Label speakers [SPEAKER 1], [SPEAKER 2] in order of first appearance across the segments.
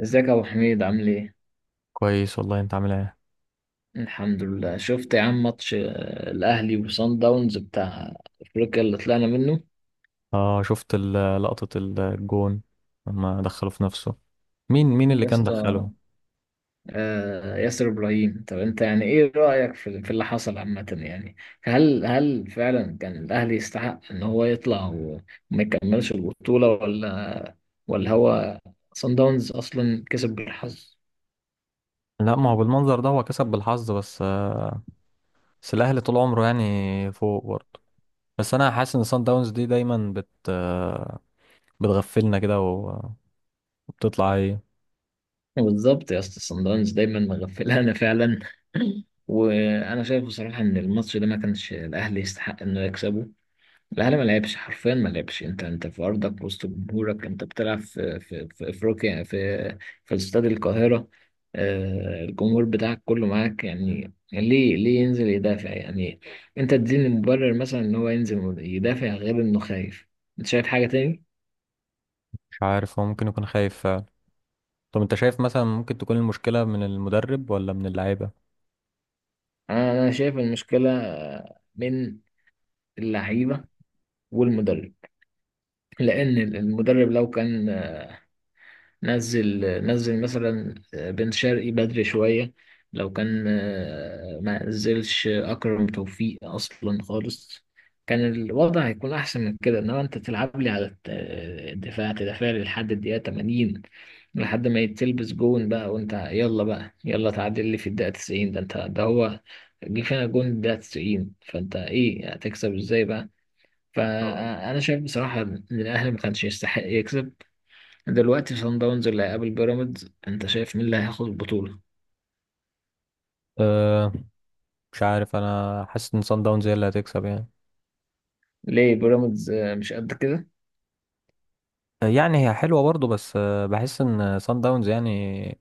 [SPEAKER 1] ازيك يا ابو حميد عامل ايه؟
[SPEAKER 2] كويس والله. انت عامل ايه؟
[SPEAKER 1] الحمد لله. شفت يا عم ماتش الاهلي وصن داونز بتاع افريقيا اللي طلعنا منه؟
[SPEAKER 2] اه شفت لقطة الجون لما دخله في نفسه. مين اللي
[SPEAKER 1] يا
[SPEAKER 2] كان
[SPEAKER 1] اسطى
[SPEAKER 2] دخله؟
[SPEAKER 1] ياسر ابراهيم. طب انت يعني ايه رايك في اللي حصل عامه يعني؟ هل فعلا كان الاهلي يستحق ان هو يطلع وما يكملش البطوله، ولا هو صن داونز اصلا كسب بالحظ؟
[SPEAKER 2] لا، ما هو بالمنظر ده هو كسب بالحظ بس، بس الاهلي طول عمره يعني فوق برضه. بس انا حاسس ان سان داونز دي دايما بت آه، بتغفلنا كده وبتطلع ايه.
[SPEAKER 1] بالظبط يا اسطى، صن داونز دايما مغفلانا فعلا. وانا شايف بصراحه ان الماتش ده ما كانش الاهلي يستحق انه يكسبه. الاهلي ما لعبش حرفيا ما لعبش. انت في ارضك وسط جمهورك، انت بتلعب في في افريقيا في في استاد القاهره. الجمهور بتاعك كله معاك، يعني ليه ينزل يدافع يعني؟ انت تديني مبرر مثلا ان هو ينزل يدافع غير انه خايف؟ انت شايف حاجه تاني؟
[SPEAKER 2] مش عارف، هو ممكن يكون خايف فعلا. طب انت شايف مثلا ممكن تكون المشكلة من المدرب ولا من اللعيبة؟
[SPEAKER 1] أنا شايف المشكله من اللعيبه والمدرب. لان المدرب لو كان نزل، نزل مثلا بن شرقي بدري شويه، لو كان ما نزلش اكرم توفيق اصلا خالص، كان الوضع هيكون احسن من كده. انما انت تلعب لي على الدفاع، تدافع لي لحد الدقيقه 80، لحد ما يتلبس جون بقى وانت يلا بقى يلا تعادل لي في الدقيقه 90، ده انت ده هو جه فينا جون الدقيقه 90، فانت ايه هتكسب ازاي بقى؟ فانا شايف بصراحه ان الاهلي ما كانش يستحق يكسب. دلوقتي صن داونز اللي هيقابل بيراميدز، انت شايف مين اللي هياخد البطوله؟
[SPEAKER 2] أه مش عارف، انا حاسس ان سان داونز هي اللي هتكسب يعني.
[SPEAKER 1] ليه بيراميدز مش قد كده؟
[SPEAKER 2] يعني هي حلوة برضو، بس بحس ان سان داونز يعني،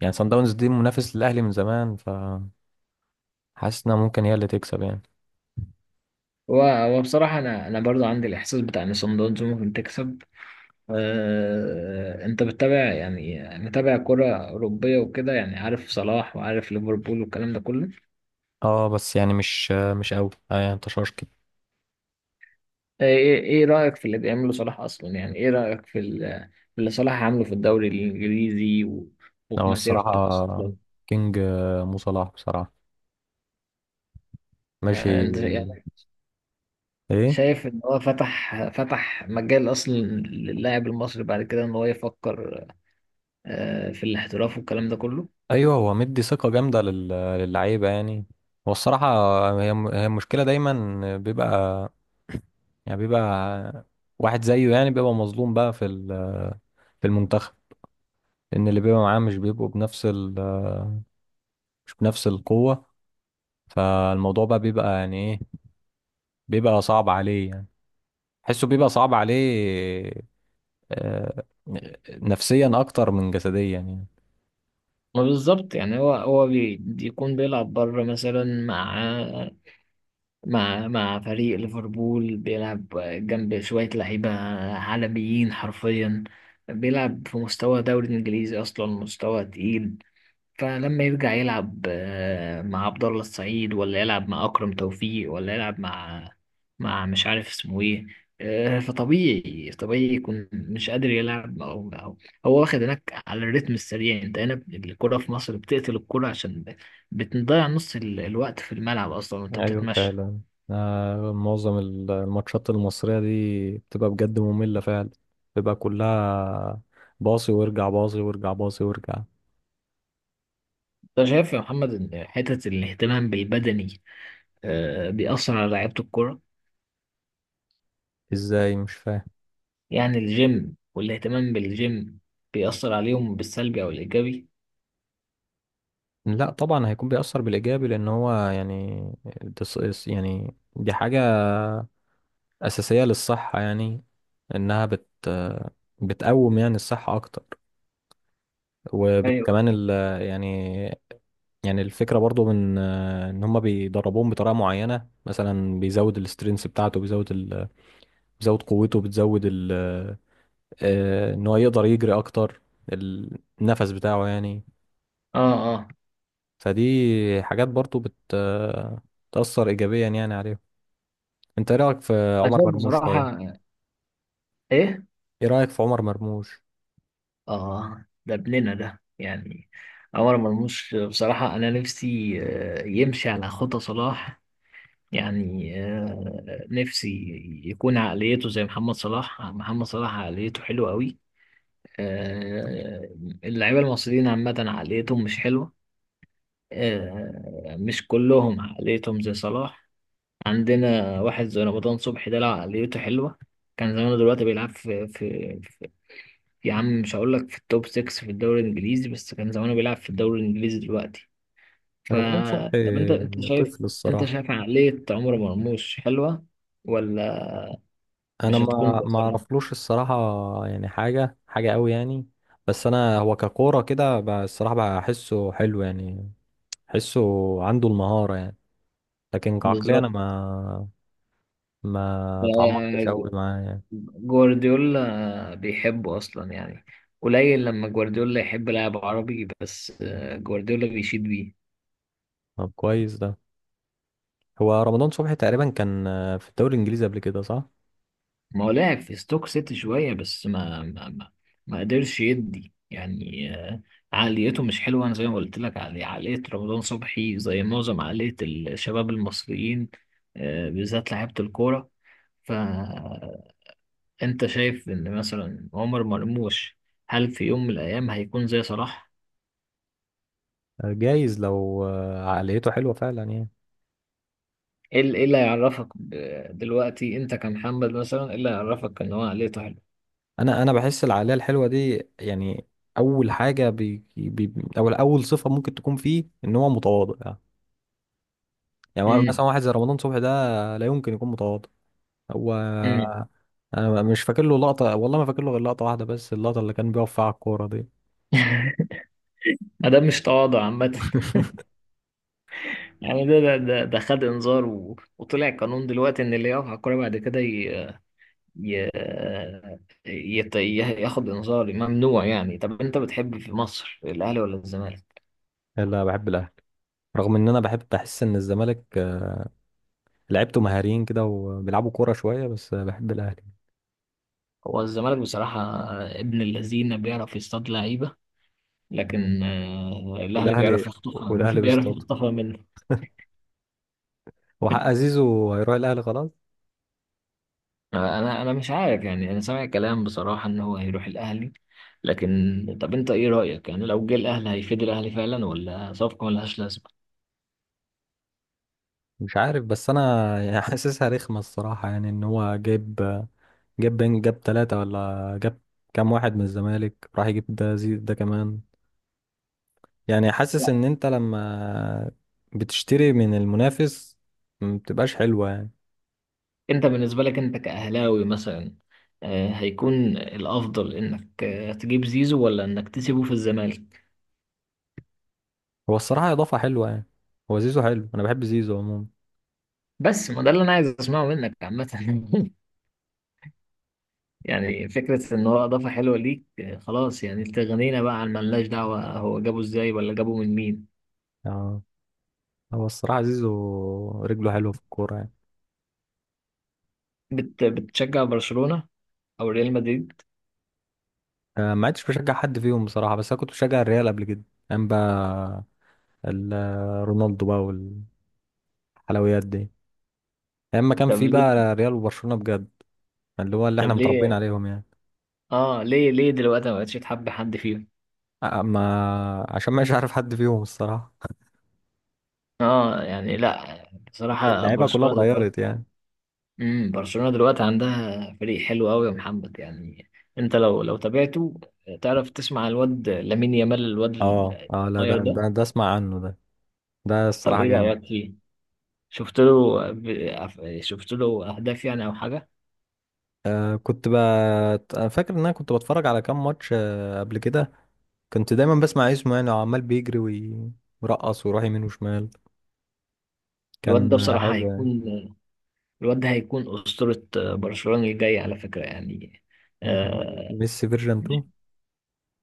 [SPEAKER 2] يعني سان داونز دي منافس للأهلي من زمان، فحاسس انها ممكن هي اللي تكسب يعني.
[SPEAKER 1] هو بصراحه انا برضو عندي الاحساس بتاع ان صن داونز ممكن تكسب. انت بتتابع يعني، متابع كره اوروبيه وكده؟ يعني عارف صلاح وعارف ليفربول والكلام ده كله.
[SPEAKER 2] اه بس يعني مش قوي آه يعني انتشار كده.
[SPEAKER 1] آه، ايه رايك في اللي بيعمله صلاح اصلا؟ يعني ايه رايك في في اللي صلاح عامله في الدوري الانجليزي وفي
[SPEAKER 2] هو
[SPEAKER 1] مسيرته
[SPEAKER 2] الصراحة
[SPEAKER 1] اصلا؟
[SPEAKER 2] كينج، مو صلاح بصراحة. ماشي.
[SPEAKER 1] انت
[SPEAKER 2] ايه.
[SPEAKER 1] شايف ان هو فتح مجال اصلا للاعب المصري بعد كده ان هو يفكر في الاحتراف والكلام ده كله؟
[SPEAKER 2] ايوه هو مدي ثقة جامدة للعيبة يعني. هو الصراحة هي المشكلة دايما بيبقى، يعني بيبقى واحد زيه، يعني بيبقى مظلوم بقى في المنتخب. ان اللي بيبقى معاه مش بنفس القوة. فالموضوع بقى بيبقى يعني ايه، بيبقى صعب عليه يعني، حسه بيبقى صعب عليه، آه، نفسيا اكتر من جسديا يعني.
[SPEAKER 1] ما بالظبط، يعني هو بيكون بيلعب بره مثلا مع مع فريق ليفربول، بيلعب جنب شوية لعيبة عالميين حرفيا، بيلعب في مستوى دوري انجليزي اصلا، مستوى تقيل. فلما يرجع يلعب مع عبد الله السعيد، ولا يلعب مع أكرم توفيق، ولا يلعب مع مش عارف اسمه ايه، فطبيعي، طبيعي يكون مش قادر يلعب، أو هو واخد هناك على الريتم السريع. انت هنا الكرة في مصر بتقتل الكرة عشان بتضيع نص الوقت في الملعب أصلا وانت
[SPEAKER 2] ايوه
[SPEAKER 1] بتتمشى.
[SPEAKER 2] فعلا. آه، معظم الماتشات المصرية دي بتبقى بجد مملة فعلا، بتبقى كلها باصي وارجع، باصي وارجع، باصي وارجع.
[SPEAKER 1] انت شايف يا محمد ان حتة الاهتمام بالبدني بيأثر على لعيبة الكرة؟
[SPEAKER 2] ازاي؟ مش فاهم.
[SPEAKER 1] يعني الجيم والاهتمام بالجيم بيأثر عليهم بالسلبي أو الإيجابي؟
[SPEAKER 2] لا طبعا هيكون بيأثر بالإيجابي، لأن هو يعني يعني دي حاجة أساسية للصحة يعني، إنها بتقوم يعني الصحة أكتر.
[SPEAKER 1] ايوه.
[SPEAKER 2] وكمان ال، يعني، يعني الفكرة برضو من آه، إن هما بيدربوهم بطريقة معينة، مثلا بيزود السترينث بتاعته، بيزود ال... بيزود قوته، بتزود ال... آه، إن هو يقدر يجري أكتر، النفس بتاعه يعني.
[SPEAKER 1] اه اه.
[SPEAKER 2] فدي حاجات برضو بت آه، تأثر إيجابيا يعني عليهم. أنت إيه رأيك في
[SPEAKER 1] انا
[SPEAKER 2] عمر
[SPEAKER 1] شايف
[SPEAKER 2] مرموش
[SPEAKER 1] بصراحة،
[SPEAKER 2] طيب؟
[SPEAKER 1] ايه؟
[SPEAKER 2] إيه رأيك في عمر مرموش؟
[SPEAKER 1] اه، دبلنا ده يعني. عمر مرموش بصراحة انا نفسي يمشي على خطى صلاح. يعني نفسي يكون عقليته زي محمد صلاح. محمد صلاح عقليته حلوة قوي. آه، اللعيبة المصريين عامة عقليتهم مش حلوة، مش كلهم عقليتهم زي صلاح. عندنا واحد زي رمضان صبحي ده، لو عقليته حلوة كان زمانه دلوقتي بيلعب في يا عم، مش هقول لك في التوب 6 في الدوري الانجليزي، بس كان زمانه بيلعب في الدوري الانجليزي دلوقتي. ف،
[SPEAKER 2] رمضان صبحي
[SPEAKER 1] طب انت شايف،
[SPEAKER 2] طفل
[SPEAKER 1] انت
[SPEAKER 2] الصراحة.
[SPEAKER 1] شايف عقلية عمر مرموش حلوة ولا
[SPEAKER 2] انا
[SPEAKER 1] مش هتكون
[SPEAKER 2] ما
[SPEAKER 1] بتأثرها؟
[SPEAKER 2] اعرفلوش الصراحه يعني، حاجه قوي يعني. بس انا هو ككوره كده الصراحه بحسه حلو يعني، بحسه عنده المهاره يعني، لكن كعقليه انا
[SPEAKER 1] بالظبط.
[SPEAKER 2] ما
[SPEAKER 1] ف-،
[SPEAKER 2] ما اتعمقتش قوي معاه يعني.
[SPEAKER 1] جوارديولا بيحبه اصلا يعني، قليل لما جوارديولا يحب لاعب عربي، بس جوارديولا بيشيد بيه.
[SPEAKER 2] طب كويس ده. هو رمضان صبحي تقريبا كان، في الدوري الانجليزي قبل كده، صح؟
[SPEAKER 1] ما هو لعب في ستوك سيتي شوية بس ما قدرش يدي يعني. عقليته مش حلوة. أنا زي ما قلت لك، عقلية رمضان صبحي زي معظم عقلية الشباب المصريين، بالذات لعيبة الكورة. فأنت شايف إن مثلا عمر مرموش هل في يوم من الأيام هيكون زي صلاح؟
[SPEAKER 2] آه، جايز لو عقليته حلوه فعلا يعني.
[SPEAKER 1] إيه إيه اللي هيعرفك دلوقتي أنت كمحمد مثلا إيه اللي هيعرفك إن هو عقليته حلوة؟
[SPEAKER 2] انا بحس العقليه الحلوه دي يعني، اول حاجه بي بي او اول صفه ممكن تكون فيه ان هو متواضع. يعني
[SPEAKER 1] امم.
[SPEAKER 2] مثلا واحد زي رمضان صبحي ده لا يمكن يكون متواضع. هو
[SPEAKER 1] امم.
[SPEAKER 2] انا مش فاكر له لقطه، والله ما فاكر له غير لقطه واحده، بس اللقطه اللي كان بيقف فيها على الكوره دي.
[SPEAKER 1] ما ده مش تواضع عامة. يعني ده خد انذار و... وطلع قانون دلوقتي ان اللي يقف على الكوره بعد كده ي... يت... ي- ياخد انذار، ممنوع يعني. طب انت بتحب في مصر الاهلي ولا الزمالك؟
[SPEAKER 2] لا، بحب الاهلي. رغم ان انا بحب بحس ان الزمالك، آه، لعيبته مهاريين كده وبيلعبوا كوره شويه، بس بحب الاهلي.
[SPEAKER 1] هو الزمالك بصراحه ابن اللذين، بيعرف يصطاد لعيبه،
[SPEAKER 2] آه.
[SPEAKER 1] لكن الاهلي
[SPEAKER 2] والاهلي،
[SPEAKER 1] بيعرف يخطفها.
[SPEAKER 2] والاهلي
[SPEAKER 1] بيعرف
[SPEAKER 2] بيستضيف،
[SPEAKER 1] يخطفها منه.
[SPEAKER 2] وحق زيزو هيروح الاهلي خلاص.
[SPEAKER 1] انا مش عارف يعني، انا سامع كلام بصراحه ان هو هيروح الاهلي، لكن طب انت ايه رايك يعني؟ لو جه الاهلي هيفيد الاهلي فعلا ولا صفقه ملهاش لازمه؟
[SPEAKER 2] مش عارف، بس انا يعني حاسسها رخمه الصراحه، يعني ان هو جايب آه، جاب بين جاب ثلاثة، ولا جاب كام واحد من الزمالك راح يجيب ده، زيد ده كمان. يعني حاسس ان انت لما بتشتري من المنافس ما بتبقاش حلوة يعني.
[SPEAKER 1] انت بالنسبة لك انت كأهلاوي مثلا هيكون الافضل انك تجيب زيزو ولا انك تسيبه في الزمالك؟
[SPEAKER 2] هو الصراحة اضافة حلوة يعني، هو زيزو حلو، انا بحب زيزو عموما.
[SPEAKER 1] بس ما ده اللي انا عايز اسمعه منك عامة. يعني فكرة ان هو اضافة حلوة ليك خلاص يعني، تغنينا بقى عن ملناش دعوة هو جابه ازاي ولا جابه من مين.
[SPEAKER 2] يعني هو الصراحة زيزو رجله حلوة في الكورة يعني.
[SPEAKER 1] بت بتشجع برشلونة او ريال مدريد؟
[SPEAKER 2] آه، ما عدتش بشجع حد فيهم بصراحة، بس انا كنت بشجع الريال قبل كده، ايام بقى رونالدو بقى والحلويات دي، ايام ما كان
[SPEAKER 1] طب
[SPEAKER 2] في
[SPEAKER 1] ليه؟
[SPEAKER 2] بقى ريال وبرشلونة بجد، اللي هو اللي
[SPEAKER 1] طب
[SPEAKER 2] احنا متربيين
[SPEAKER 1] ليه؟
[SPEAKER 2] عليهم يعني.
[SPEAKER 1] اه، ليه دلوقتي ما بقتش تحب حد فيهم؟
[SPEAKER 2] ما عشان مش عارف حد فيهم الصراحة.
[SPEAKER 1] اه يعني لا، بصراحة
[SPEAKER 2] اللعيبة كلها
[SPEAKER 1] برشلونة
[SPEAKER 2] اتغيرت
[SPEAKER 1] دلوقتي.
[SPEAKER 2] يعني.
[SPEAKER 1] امم، برشلونة دلوقتي عندها فريق حلو قوي يا محمد يعني، انت لو تابعته تعرف تسمع الواد لامين يامال، الواد
[SPEAKER 2] اه اه، لا
[SPEAKER 1] الصغير ده.
[SPEAKER 2] ده اسمع عنه ده، ده
[SPEAKER 1] طب
[SPEAKER 2] الصراحة
[SPEAKER 1] ايه
[SPEAKER 2] جامد.
[SPEAKER 1] رأيك فيه؟ شفت له شفت له اهداف يعني او حاجة؟
[SPEAKER 2] أنا فاكر ان انا كنت بتفرج على كام ماتش آه قبل كده، كنت دايما بسمع إيه اسمه، يعني عمال بيجري ويرقص ويروح يمين وشمال،
[SPEAKER 1] الواد ده
[SPEAKER 2] كان آه،
[SPEAKER 1] بصراحة
[SPEAKER 2] حلو يعني.
[SPEAKER 1] هيكون، الواد ده هيكون أسطورة برشلونة الجاي على فكرة يعني.
[SPEAKER 2] هيكون
[SPEAKER 1] آه،
[SPEAKER 2] ميسي فيرجن 2.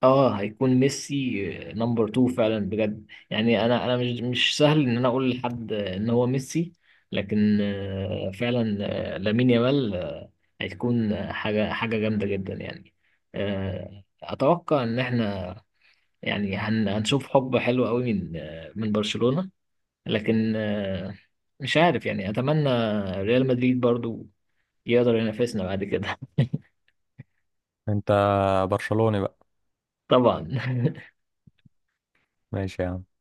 [SPEAKER 1] اه، هيكون ميسي نمبر 2 فعلا بجد يعني. انا انا مش سهل ان انا اقول لحد ان هو ميسي، لكن فعلا لامين يامال هتكون حاجه جامده جدا يعني. اتوقع ان احنا يعني هنشوف حب حلو قوي من من برشلونه، لكن مش عارف يعني، اتمنى ريال مدريد برضو يقدر ينافسنا بعد كده.
[SPEAKER 2] انت برشلوني بقى.
[SPEAKER 1] طبعا.
[SPEAKER 2] ماشي يا عم.